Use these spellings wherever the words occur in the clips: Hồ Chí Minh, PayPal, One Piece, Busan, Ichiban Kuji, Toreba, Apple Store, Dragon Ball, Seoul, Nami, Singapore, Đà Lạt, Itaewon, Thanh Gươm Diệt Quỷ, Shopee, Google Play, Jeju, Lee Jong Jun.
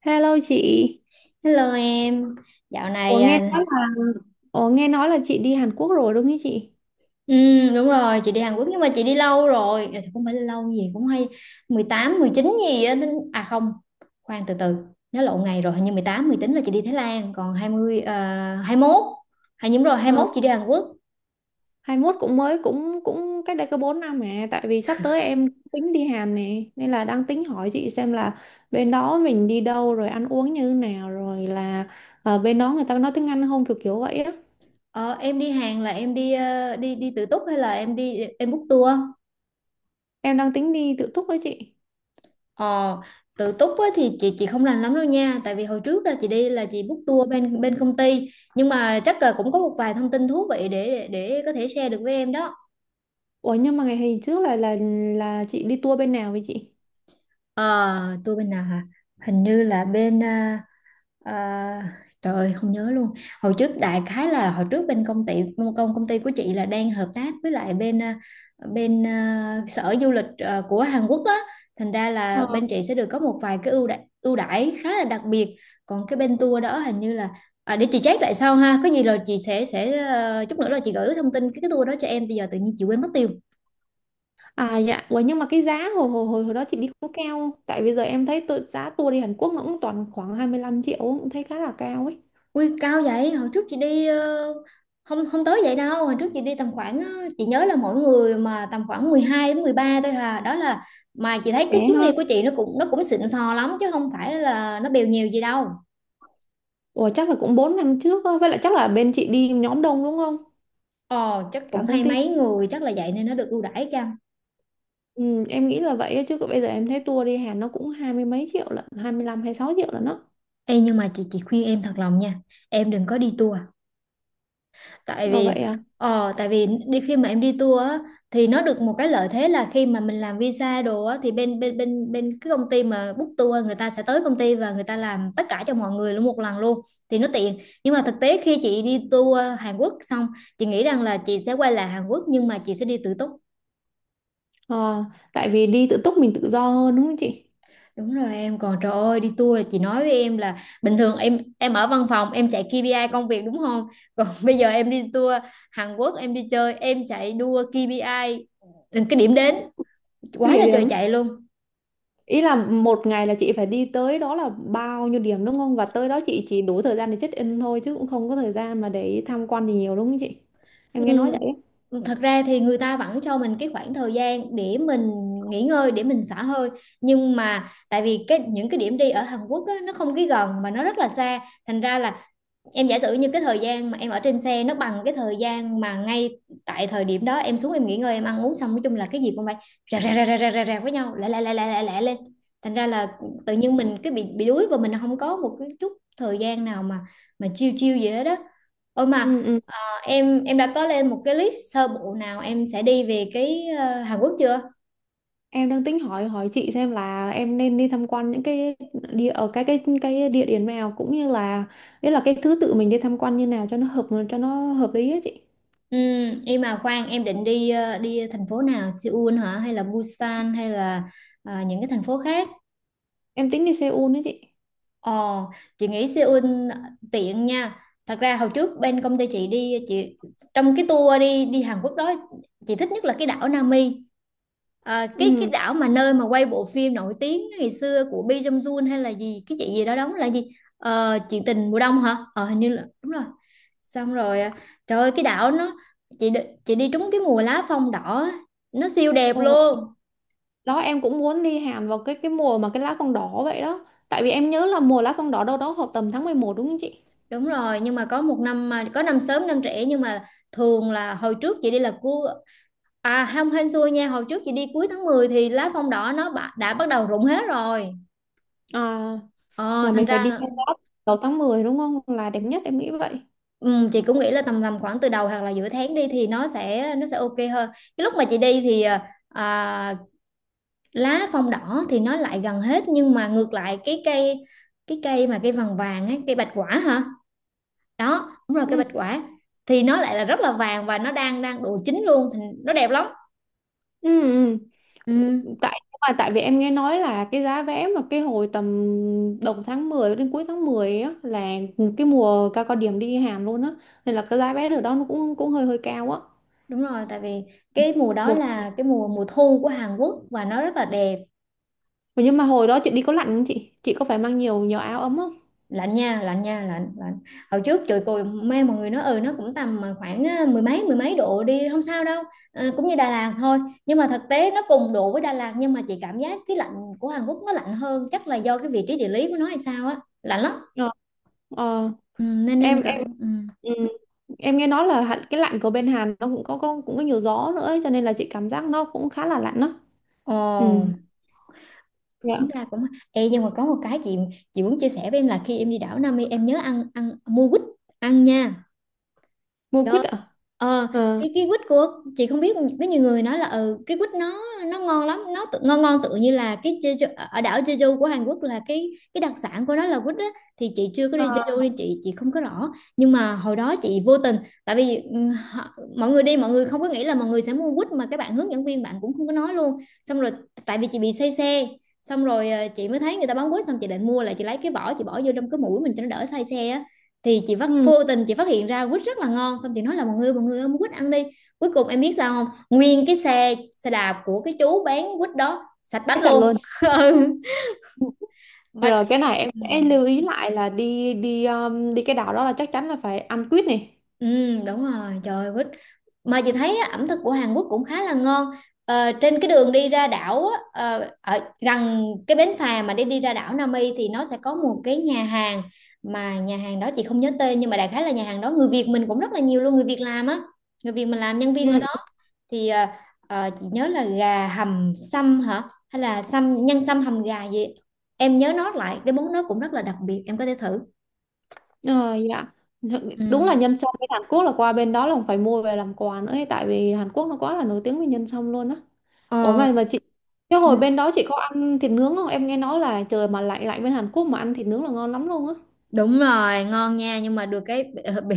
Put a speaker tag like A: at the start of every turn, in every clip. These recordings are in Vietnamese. A: Hello chị.
B: Hello em, dạo
A: ủa
B: này à,
A: nghe ủa nghe nói là chị đi Hàn Quốc rồi đúng không chị?
B: đúng rồi chị đi Hàn Quốc nhưng mà chị đi lâu rồi. À, thì không phải lâu gì cũng hay 18, 19 gì á, à không, khoan từ từ, nhớ lộn ngày rồi, hình như 18, 19 là chị đi Thái Lan, còn 20 hai mốt hay đúng rồi hai
A: Ờ,
B: mốt chị đi Hàn Quốc.
A: hai mốt cũng mới cũng cũng cách đây có 4 năm, mà tại vì sắp tới em tính đi Hàn nè, nên là đang tính hỏi chị xem là bên đó mình đi đâu, rồi ăn uống như thế nào, rồi là ờ, bên đó người ta có nói tiếng Anh không, kiểu kiểu vậy á.
B: Ờ, em đi Hàn là em đi ờ, đi đi tự túc hay là em đi em book tour?
A: Em đang tính đi tự túc với chị.
B: Ờ, tự túc á, thì chị không rành lắm đâu nha, tại vì hồi trước là chị đi là chị book tour bên bên công ty, nhưng mà chắc là cũng có một vài thông tin thú vị để có thể share được với em đó.
A: Ủa, nhưng mà ngày hôm trước là chị đi tour bên nào với chị?
B: Ờ, tôi bên nào hả? Hình như là à, trời ơi, không nhớ luôn. Hồi trước đại khái là hồi trước bên công ty, công công ty của chị là đang hợp tác với lại sở du lịch à, của Hàn Quốc á, thành ra là bên chị sẽ được có một vài cái ưu đãi khá là đặc biệt. Còn cái bên tour đó hình như là à, để chị check lại sau ha. Có gì rồi chị sẽ à, chút nữa là chị gửi thông tin cái tour đó cho em. Bây giờ tự nhiên chị quên mất tiêu.
A: À dạ. Ủa, nhưng mà cái giá hồi hồi hồi hồi đó chị đi có cao không? Tại bây giờ em thấy tôi, giá tour đi Hàn Quốc nó cũng toàn khoảng 25 triệu, cũng thấy khá là cao ấy.
B: Ui cao vậy, hồi trước chị đi không không tới vậy đâu, hồi trước chị đi tầm khoảng chị nhớ là mỗi người mà tầm khoảng 12 đến 13 thôi hà, đó là mà chị thấy cái
A: Rẻ
B: chuyến đi
A: ha.
B: của chị nó cũng xịn sò lắm chứ không phải là nó bèo nhiều gì đâu.
A: Ủa chắc là cũng 4 năm trước á, với lại chắc là bên chị đi nhóm đông đúng không?
B: Ờ chắc
A: Cả
B: cũng
A: công
B: hay
A: ty.
B: mấy người chắc là vậy nên nó được ưu đãi chăng.
A: Ừ, em nghĩ là vậy á, chứ còn bây giờ em thấy tour đi Hàn nó cũng hai mươi mấy triệu lận, 25 sáu triệu lận đó.
B: Ê nhưng mà chị khuyên em thật lòng nha, em đừng có đi tour, tại
A: Ồ
B: vì
A: vậy à?
B: ờ tại vì đi khi mà em đi tour á thì nó được một cái lợi thế là khi mà mình làm visa đồ á thì bên bên bên bên cái công ty mà book tour người ta sẽ tới công ty và người ta làm tất cả cho mọi người luôn một lần luôn thì nó tiện, nhưng mà thực tế khi chị đi tour Hàn Quốc xong chị nghĩ rằng là chị sẽ quay lại Hàn Quốc nhưng mà chị sẽ đi tự túc.
A: Ờ, tại vì đi tự túc mình tự do hơn đúng không chị?
B: Đúng rồi em, còn trời ơi đi tour là chị nói với em là bình thường em ở văn phòng em chạy KPI công việc đúng không? Còn bây giờ em đi tour Hàn Quốc em đi chơi em chạy đua KPI cái điểm đến
A: Cái
B: quá
A: địa
B: là trời
A: điểm.
B: chạy luôn.
A: Ý là một ngày là chị phải đi tới đó là bao nhiêu điểm đúng không? Và tới đó chị chỉ đủ thời gian để check in thôi, chứ cũng không có thời gian mà để tham quan gì nhiều đúng không chị? Em nghe nói
B: Ừ,
A: vậy á.
B: thật ra thì người ta vẫn cho mình cái khoảng thời gian để mình nghỉ ngơi để mình xả hơi, nhưng mà tại vì những cái điểm đi ở Hàn Quốc á, nó không cái gần mà nó rất là xa, thành ra là em giả sử như cái thời gian mà em ở trên xe nó bằng cái thời gian mà ngay tại thời điểm đó em xuống em nghỉ ngơi em ăn uống xong, nói chung là cái gì cũng phải rà với nhau lẹ lẹ lẹ lẹ lẹ lẹ lên, thành ra là tự nhiên mình cái bị đuối và mình không có một cái chút thời gian nào mà chill chill gì hết đó. Ôi
A: Ừ,
B: mà
A: ừ.
B: à, em đã có lên một cái list sơ bộ nào em sẽ đi về cái Hàn Quốc chưa?
A: Em đang tính hỏi hỏi chị xem là em nên đi tham quan những cái địa ở cái địa điểm nào, cũng như là ý là cái thứ tự mình đi tham quan như nào cho nó hợp lý á chị.
B: Ừ, em mà khoan em định đi đi thành phố nào, Seoul hả hay là Busan hay là à, những cái thành phố khác?
A: Em tính đi Seoul đó chị.
B: Ồ, chị nghĩ Seoul tiện nha. Thật ra hồi trước bên công ty chị đi, chị trong cái tour đi đi Hàn Quốc đó chị thích nhất là cái đảo Nami. À, cái
A: Ừ.
B: đảo mà nơi mà quay bộ phim nổi tiếng ngày xưa của Lee Jong Jun hay là gì, cái chị gì đó đóng là gì? Ờ, chuyện tình mùa đông hả? Ờ hình như là đúng rồi. Xong rồi à, trời ơi cái đảo nó chị đi- chị đi trúng cái mùa lá phong đỏ á, nó siêu đẹp
A: Ồ,
B: luôn.
A: đó em cũng muốn đi Hàn vào cái mùa mà cái lá phong đỏ vậy đó. Tại vì em nhớ là mùa lá phong đỏ đâu đó hợp tầm tháng 11 đúng không chị?
B: Đúng rồi, nhưng mà có một năm mà có năm sớm năm trễ, nhưng mà thường là hồi trước chị đi là cua à không hên xui nha, hồi trước chị đi cuối tháng 10 thì lá phong đỏ nó đã bắt đầu rụng hết rồi.
A: À,
B: Ờ
A: là
B: thành
A: mình phải
B: ra
A: đi
B: là
A: lên đó đầu tháng 10 đúng không? Là đẹp nhất em nghĩ vậy.
B: ừ, chị cũng nghĩ là tầm tầm khoảng từ đầu hoặc là giữa tháng đi thì nó sẽ ok hơn. Cái lúc mà chị đi thì à, lá phong đỏ thì nó lại gần hết, nhưng mà ngược lại cái cây, cái cây mà cây vàng vàng ấy, cây bạch quả hả? Đó, đúng rồi cây
A: Ừ.
B: bạch quả thì nó lại là rất là vàng và nó đang đang độ chín luôn thì nó đẹp lắm.
A: Ừ. Ừ.
B: Ừ,
A: Tại mà tại vì em nghe nói là cái giá vé mà cái hồi tầm đầu tháng 10 đến cuối tháng 10 á là cái mùa cao cao điểm đi Hàn luôn á, nên là cái giá vé ở đó nó cũng cũng hơi hơi cao á.
B: đúng rồi tại vì cái mùa đó
A: Một
B: là cái mùa mùa thu của Hàn Quốc và nó rất là đẹp.
A: nhưng mà hồi đó chị đi có lạnh không chị? Chị có phải mang nhiều nhiều áo ấm không?
B: Lạnh nha lạnh nha lạnh lạnh hồi trước trời tôi mê mọi người nói ừ nó cũng tầm mà khoảng à, mười mấy độ đi không sao đâu, à, cũng như Đà Lạt thôi, nhưng mà thực tế nó cùng độ với Đà Lạt nhưng mà chị cảm giác cái lạnh của Hàn Quốc nó lạnh hơn, chắc là do cái vị trí địa lý của nó hay sao á, lạnh lắm.
A: Ờ. Ờ.
B: Ừ, nên em
A: Em
B: cảm ừ.
A: ừ, em nghe nói là hạn- cái lạnh của bên Hàn nó cũng có cũng có nhiều gió nữa ấy, cho nên là chị cảm giác nó cũng khá là lạnh đó. Ừ,
B: Ồ,
A: dạ.
B: tính ra cũng. Ê, nhưng mà có một cái chị muốn chia sẻ với em là khi em đi đảo Nam Mi em nhớ ăn ăn mua quýt ăn nha.
A: Mua
B: Rồi.
A: quýt ạ.
B: Ờ,
A: Ờ.
B: cái quýt của chị, không biết có nhiều người nói là ừ, cái quýt nó ngon lắm nó tự, ngon ngon tự như là cái Jeju, ở đảo Jeju của Hàn Quốc là cái đặc sản của nó là quýt á, thì chị chưa có đi
A: Ờ,
B: Jeju nên chị không có rõ, nhưng mà hồi đó chị vô tình, tại vì ừ, mọi người đi mọi người không có nghĩ là mọi người sẽ mua quýt mà các bạn hướng dẫn viên bạn cũng không có nói luôn, xong rồi tại vì chị bị say xe, xong rồi ờ, chị mới thấy người ta bán quýt, xong chị định mua là chị lấy cái vỏ chị bỏ vô trong cái mũi mình cho nó đỡ say xe á, thì chị phát
A: ừ.
B: vô tình chị phát hiện ra quýt rất là ngon, xong chị nói là mọi người ơi mua quýt ăn đi, cuối cùng em biết sao không, nguyên cái xe xe đạp của cái chú bán quýt đó sạch bách
A: Cái sạch
B: luôn.
A: luôn.
B: Ừ. Mà
A: Rồi cái này em
B: ừ.
A: sẽ lưu ý lại là đi đi đi cái đảo đó là chắc chắn là phải ăn quýt này.
B: Ừ, đúng rồi, trời ơi, quýt. Mà chị thấy á, ẩm thực của Hàn Quốc cũng khá là ngon. Ờ, trên cái đường đi ra đảo á, ờ, ở gần cái bến phà mà để đi ra đảo Nam Y thì nó sẽ có một cái nhà hàng, mà nhà hàng đó chị không nhớ tên, nhưng mà đại khái là nhà hàng đó người Việt mình cũng rất là nhiều luôn, người Việt làm á, người Việt mình làm nhân viên
A: Ừ.
B: ở. Thì chị nhớ là gà hầm sâm hả, hay là sâm nhân sâm hầm gà gì, em nhớ nó lại cái món đó cũng rất là đặc biệt em có thể thử.
A: Ờ, dạ. Thực-
B: Ừ.
A: đúng là nhân sâm bên Hàn Quốc, là qua bên đó là phải mua về làm quà nữa ấy, tại vì Hàn Quốc nó quá là nổi tiếng về nhân sâm luôn á. Ủa
B: Ờ,
A: mà mà chị, cái
B: ừ,
A: hồi bên đó chị có ăn thịt nướng không? Em nghe nói là trời mà lạnh lạnh bên Hàn Quốc mà ăn thịt nướng là ngon lắm luôn á.
B: đúng rồi, ngon nha, nhưng mà được cái bị,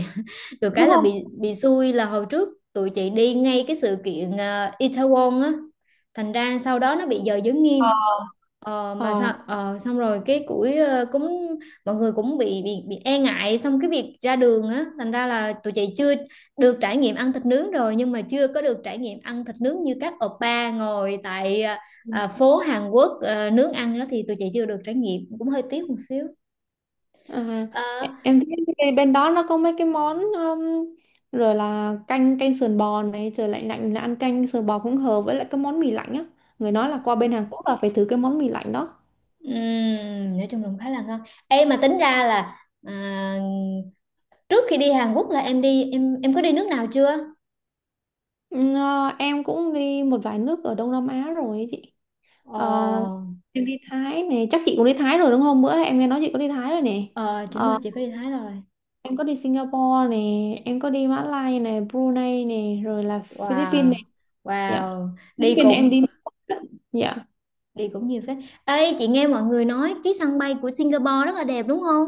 B: được cái
A: Đúng
B: là bị
A: không.
B: bị xui là hồi trước tụi chị đi ngay cái sự kiện Itaewon á, thành ra sau đó nó bị giờ giới nghiêm. Ờ, mà
A: Ờ.
B: sao ờ, xong rồi cái củi ờ, cũng mọi người cũng bị e ngại xong cái việc ra đường á, thành ra là tụi chị chưa được trải nghiệm ăn thịt nướng rồi, nhưng mà chưa có được trải nghiệm ăn thịt nướng như các oppa ngồi tại ờ, phố Hàn Quốc ờ, nướng ăn đó thì tụi chị chưa được trải nghiệm, cũng hơi tiếc một xíu.
A: À,
B: Ờ,
A: e- em thấy cái bên đó nó có mấy cái món rồi là canh canh sườn bò này, trời lạnh lạnh là ăn canh sườn bò cũng hợp, với lại cái món mì lạnh á. Người nói là qua bên Hàn Quốc là phải thử cái món mì lạnh đó.
B: nói chung là cũng khá là ngon. Ê mà tính ra là à, trước khi đi Hàn Quốc là em đi em, có đi nước nào chưa?
A: Ừ, ờ, em cũng đi một vài nước ở Đông Nam Á rồi ấy chị. Ờ,
B: Ờ,
A: em đi Thái này, chắc chị cũng đi Thái rồi đúng không? Bữa em nghe nói chị có đi Thái rồi nè.
B: ờ, chính
A: Ờ,
B: rồi chị có đi Thái rồi.
A: em có đi Singapore nè, em có đi Mã Lai nè, Brunei nè, rồi là Philippines
B: Wow,
A: nè. Dạ.
B: wow, đi
A: Philippines em
B: cũng
A: đi. Dạ.
B: đi cũng nhiều phết. Ê, chị nghe mọi người nói cái sân bay của Singapore rất là đẹp đúng không?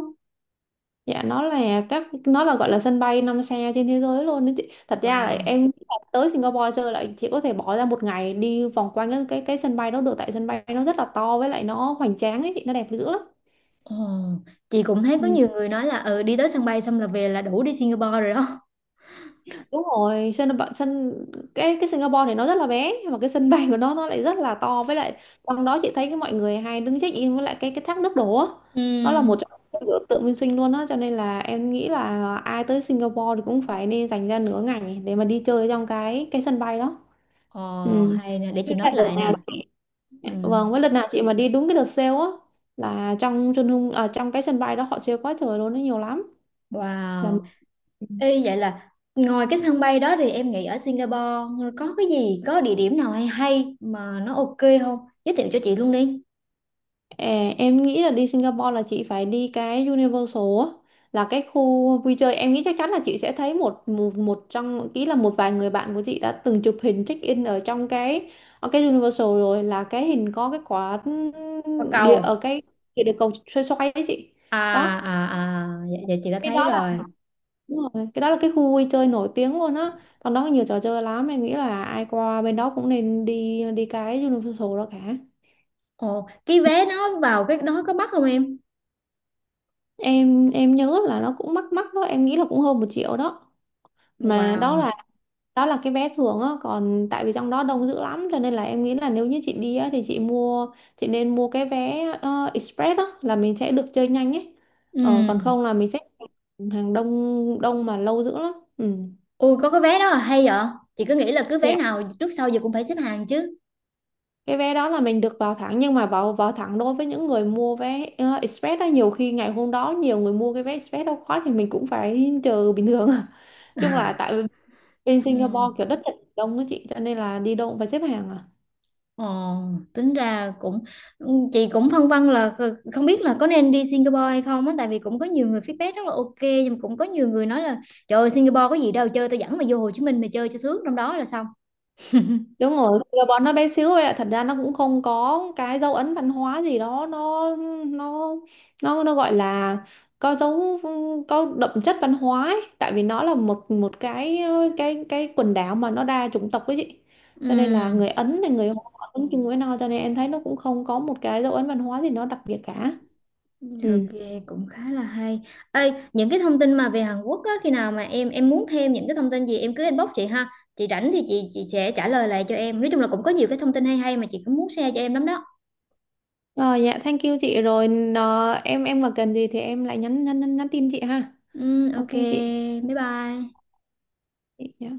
A: Dạ nó là các nó là gọi là sân bay 5 sao trên thế giới luôn đấy chị. Thật ra là
B: Wow.
A: em tới Singapore chơi lại chị có thể bỏ ra một ngày đi vòng quanh cái sân bay đó được, tại sân bay nó rất là to với lại nó hoành tráng ấy chị, nó đẹp dữ lắm.
B: Ồ, chị cũng thấy có
A: Ừ.
B: nhiều người nói là ừ đi tới sân bay xong là về là đủ đi Singapore rồi đó.
A: Đúng rồi, sân bạ- sân cái Singapore thì nó rất là bé, nhưng mà cái sân bay của nó lại rất là to, với lại trong đó chị thấy cái mọi người hay đứng check in với lại cái thác nước đổ á,
B: Ừ.
A: nó là một trong những biểu tượng minh sinh luôn á, cho nên là em nghĩ là ai tới Singapore thì cũng phải nên dành ra nửa ngày để mà đi chơi trong cái sân bay đó.
B: Ồ,
A: Ừ.
B: hay nè, để chị
A: Thế là
B: note
A: đợt
B: lại nè.
A: nào chị-
B: Ừ.
A: vâng với lần nào chị mà đi đúng cái đợt sale á, là trong chân hung à, trong cái sân bay đó họ sale quá trời luôn, nó nhiều lắm. Dạ.
B: Wow. Ê, vậy là ngoài cái sân bay đó thì em nghĩ ở Singapore có cái gì, có địa điểm nào hay hay mà nó ok không? Giới thiệu cho chị luôn đi.
A: À, em nghĩ là đi Singapore là chị phải đi cái Universal á, là cái khu vui chơi em nghĩ chắc chắn là chị sẽ thấy một một, một trong ý là một vài người bạn của chị đã từng chụp hình check in ở trong cái ở cái Universal, rồi là cái hình có cái quả
B: Qua
A: địa ở
B: cầu.
A: cái địa địa cầu xoay xoay ấy chị.
B: À
A: Đó,
B: à à dạ, dạ chị đã
A: cái
B: thấy
A: đó là
B: rồi.
A: đúng rồi, cái đó là cái khu vui chơi nổi tiếng luôn á, còn đó có nhiều trò chơi lắm, em nghĩ là ai qua bên đó cũng nên đi đi cái Universal đó cả.
B: Ồ cái vé nó vào cái đó có bắt không em?
A: Em nhớ là nó cũng mắc mắc đó, em nghĩ là cũng hơn 1 triệu đó. Mà
B: Wow.
A: đó là cái vé thường á, còn tại vì trong đó đông dữ lắm cho nên là em nghĩ là nếu như chị đi á thì chị nên mua cái vé express, đó là mình sẽ được chơi nhanh ấy. Ờ,
B: Ừ.
A: còn không là mình sẽ hàng đông đông mà lâu dữ lắm. Ừ.
B: Ui có cái vé đó là hay vậy, chị cứ nghĩ là cứ vé
A: Dạ.
B: nào trước sau giờ cũng phải xếp hàng chứ.
A: Cái vé đó là mình được vào thẳng, nhưng mà vào vào thẳng đối với những người mua vé express đó, nhiều khi ngày hôm đó nhiều người mua cái vé express đâu khóa thì mình cũng phải chờ bình thường. Chung là tại bên
B: Ừ.
A: Singapore kiểu đất thật đông á chị, cho nên là đi đâu cũng phải xếp hàng à.
B: Ồ, tính ra cũng, chị cũng phân vân là không biết là có nên đi Singapore hay không á, tại vì cũng có nhiều người feedback rất là ok, nhưng mà cũng có nhiều người nói là trời ơi Singapore có gì đâu chơi, tao dẫn mày vô Hồ Chí Minh mày chơi cho sướng trong đó là xong.
A: Đúng rồi, Singapore nó bé xíu vậy ạ. Thật ra nó cũng không có cái dấu ấn văn hóa gì đó, nó nó nó gọi là có dấu có đậm chất văn hóa ấy, tại vì nó là một một cái cái quần đảo mà nó đa chủng tộc ấy chị,
B: Ừ.
A: cho nên là người Ấn này người Hoa cũng chung với nhau, cho nên em thấy nó cũng không có một cái dấu ấn văn hóa gì nó đặc biệt cả. Ừ.
B: Ok, cũng khá là hay. Ê, những cái thông tin mà về Hàn Quốc á, khi nào mà em muốn thêm những cái thông tin gì em cứ inbox chị ha. Chị rảnh thì chị sẽ trả lời lại cho em. Nói chung là cũng có nhiều cái thông tin hay hay mà chị cũng muốn share cho em lắm đó.
A: Ờ, dạ thank you chị rồi nó, em mà cần gì thì em lại nhắn tin chị ha.
B: Ừ,
A: Ok
B: ok,
A: chị.
B: bye bye.
A: Chị, dạ.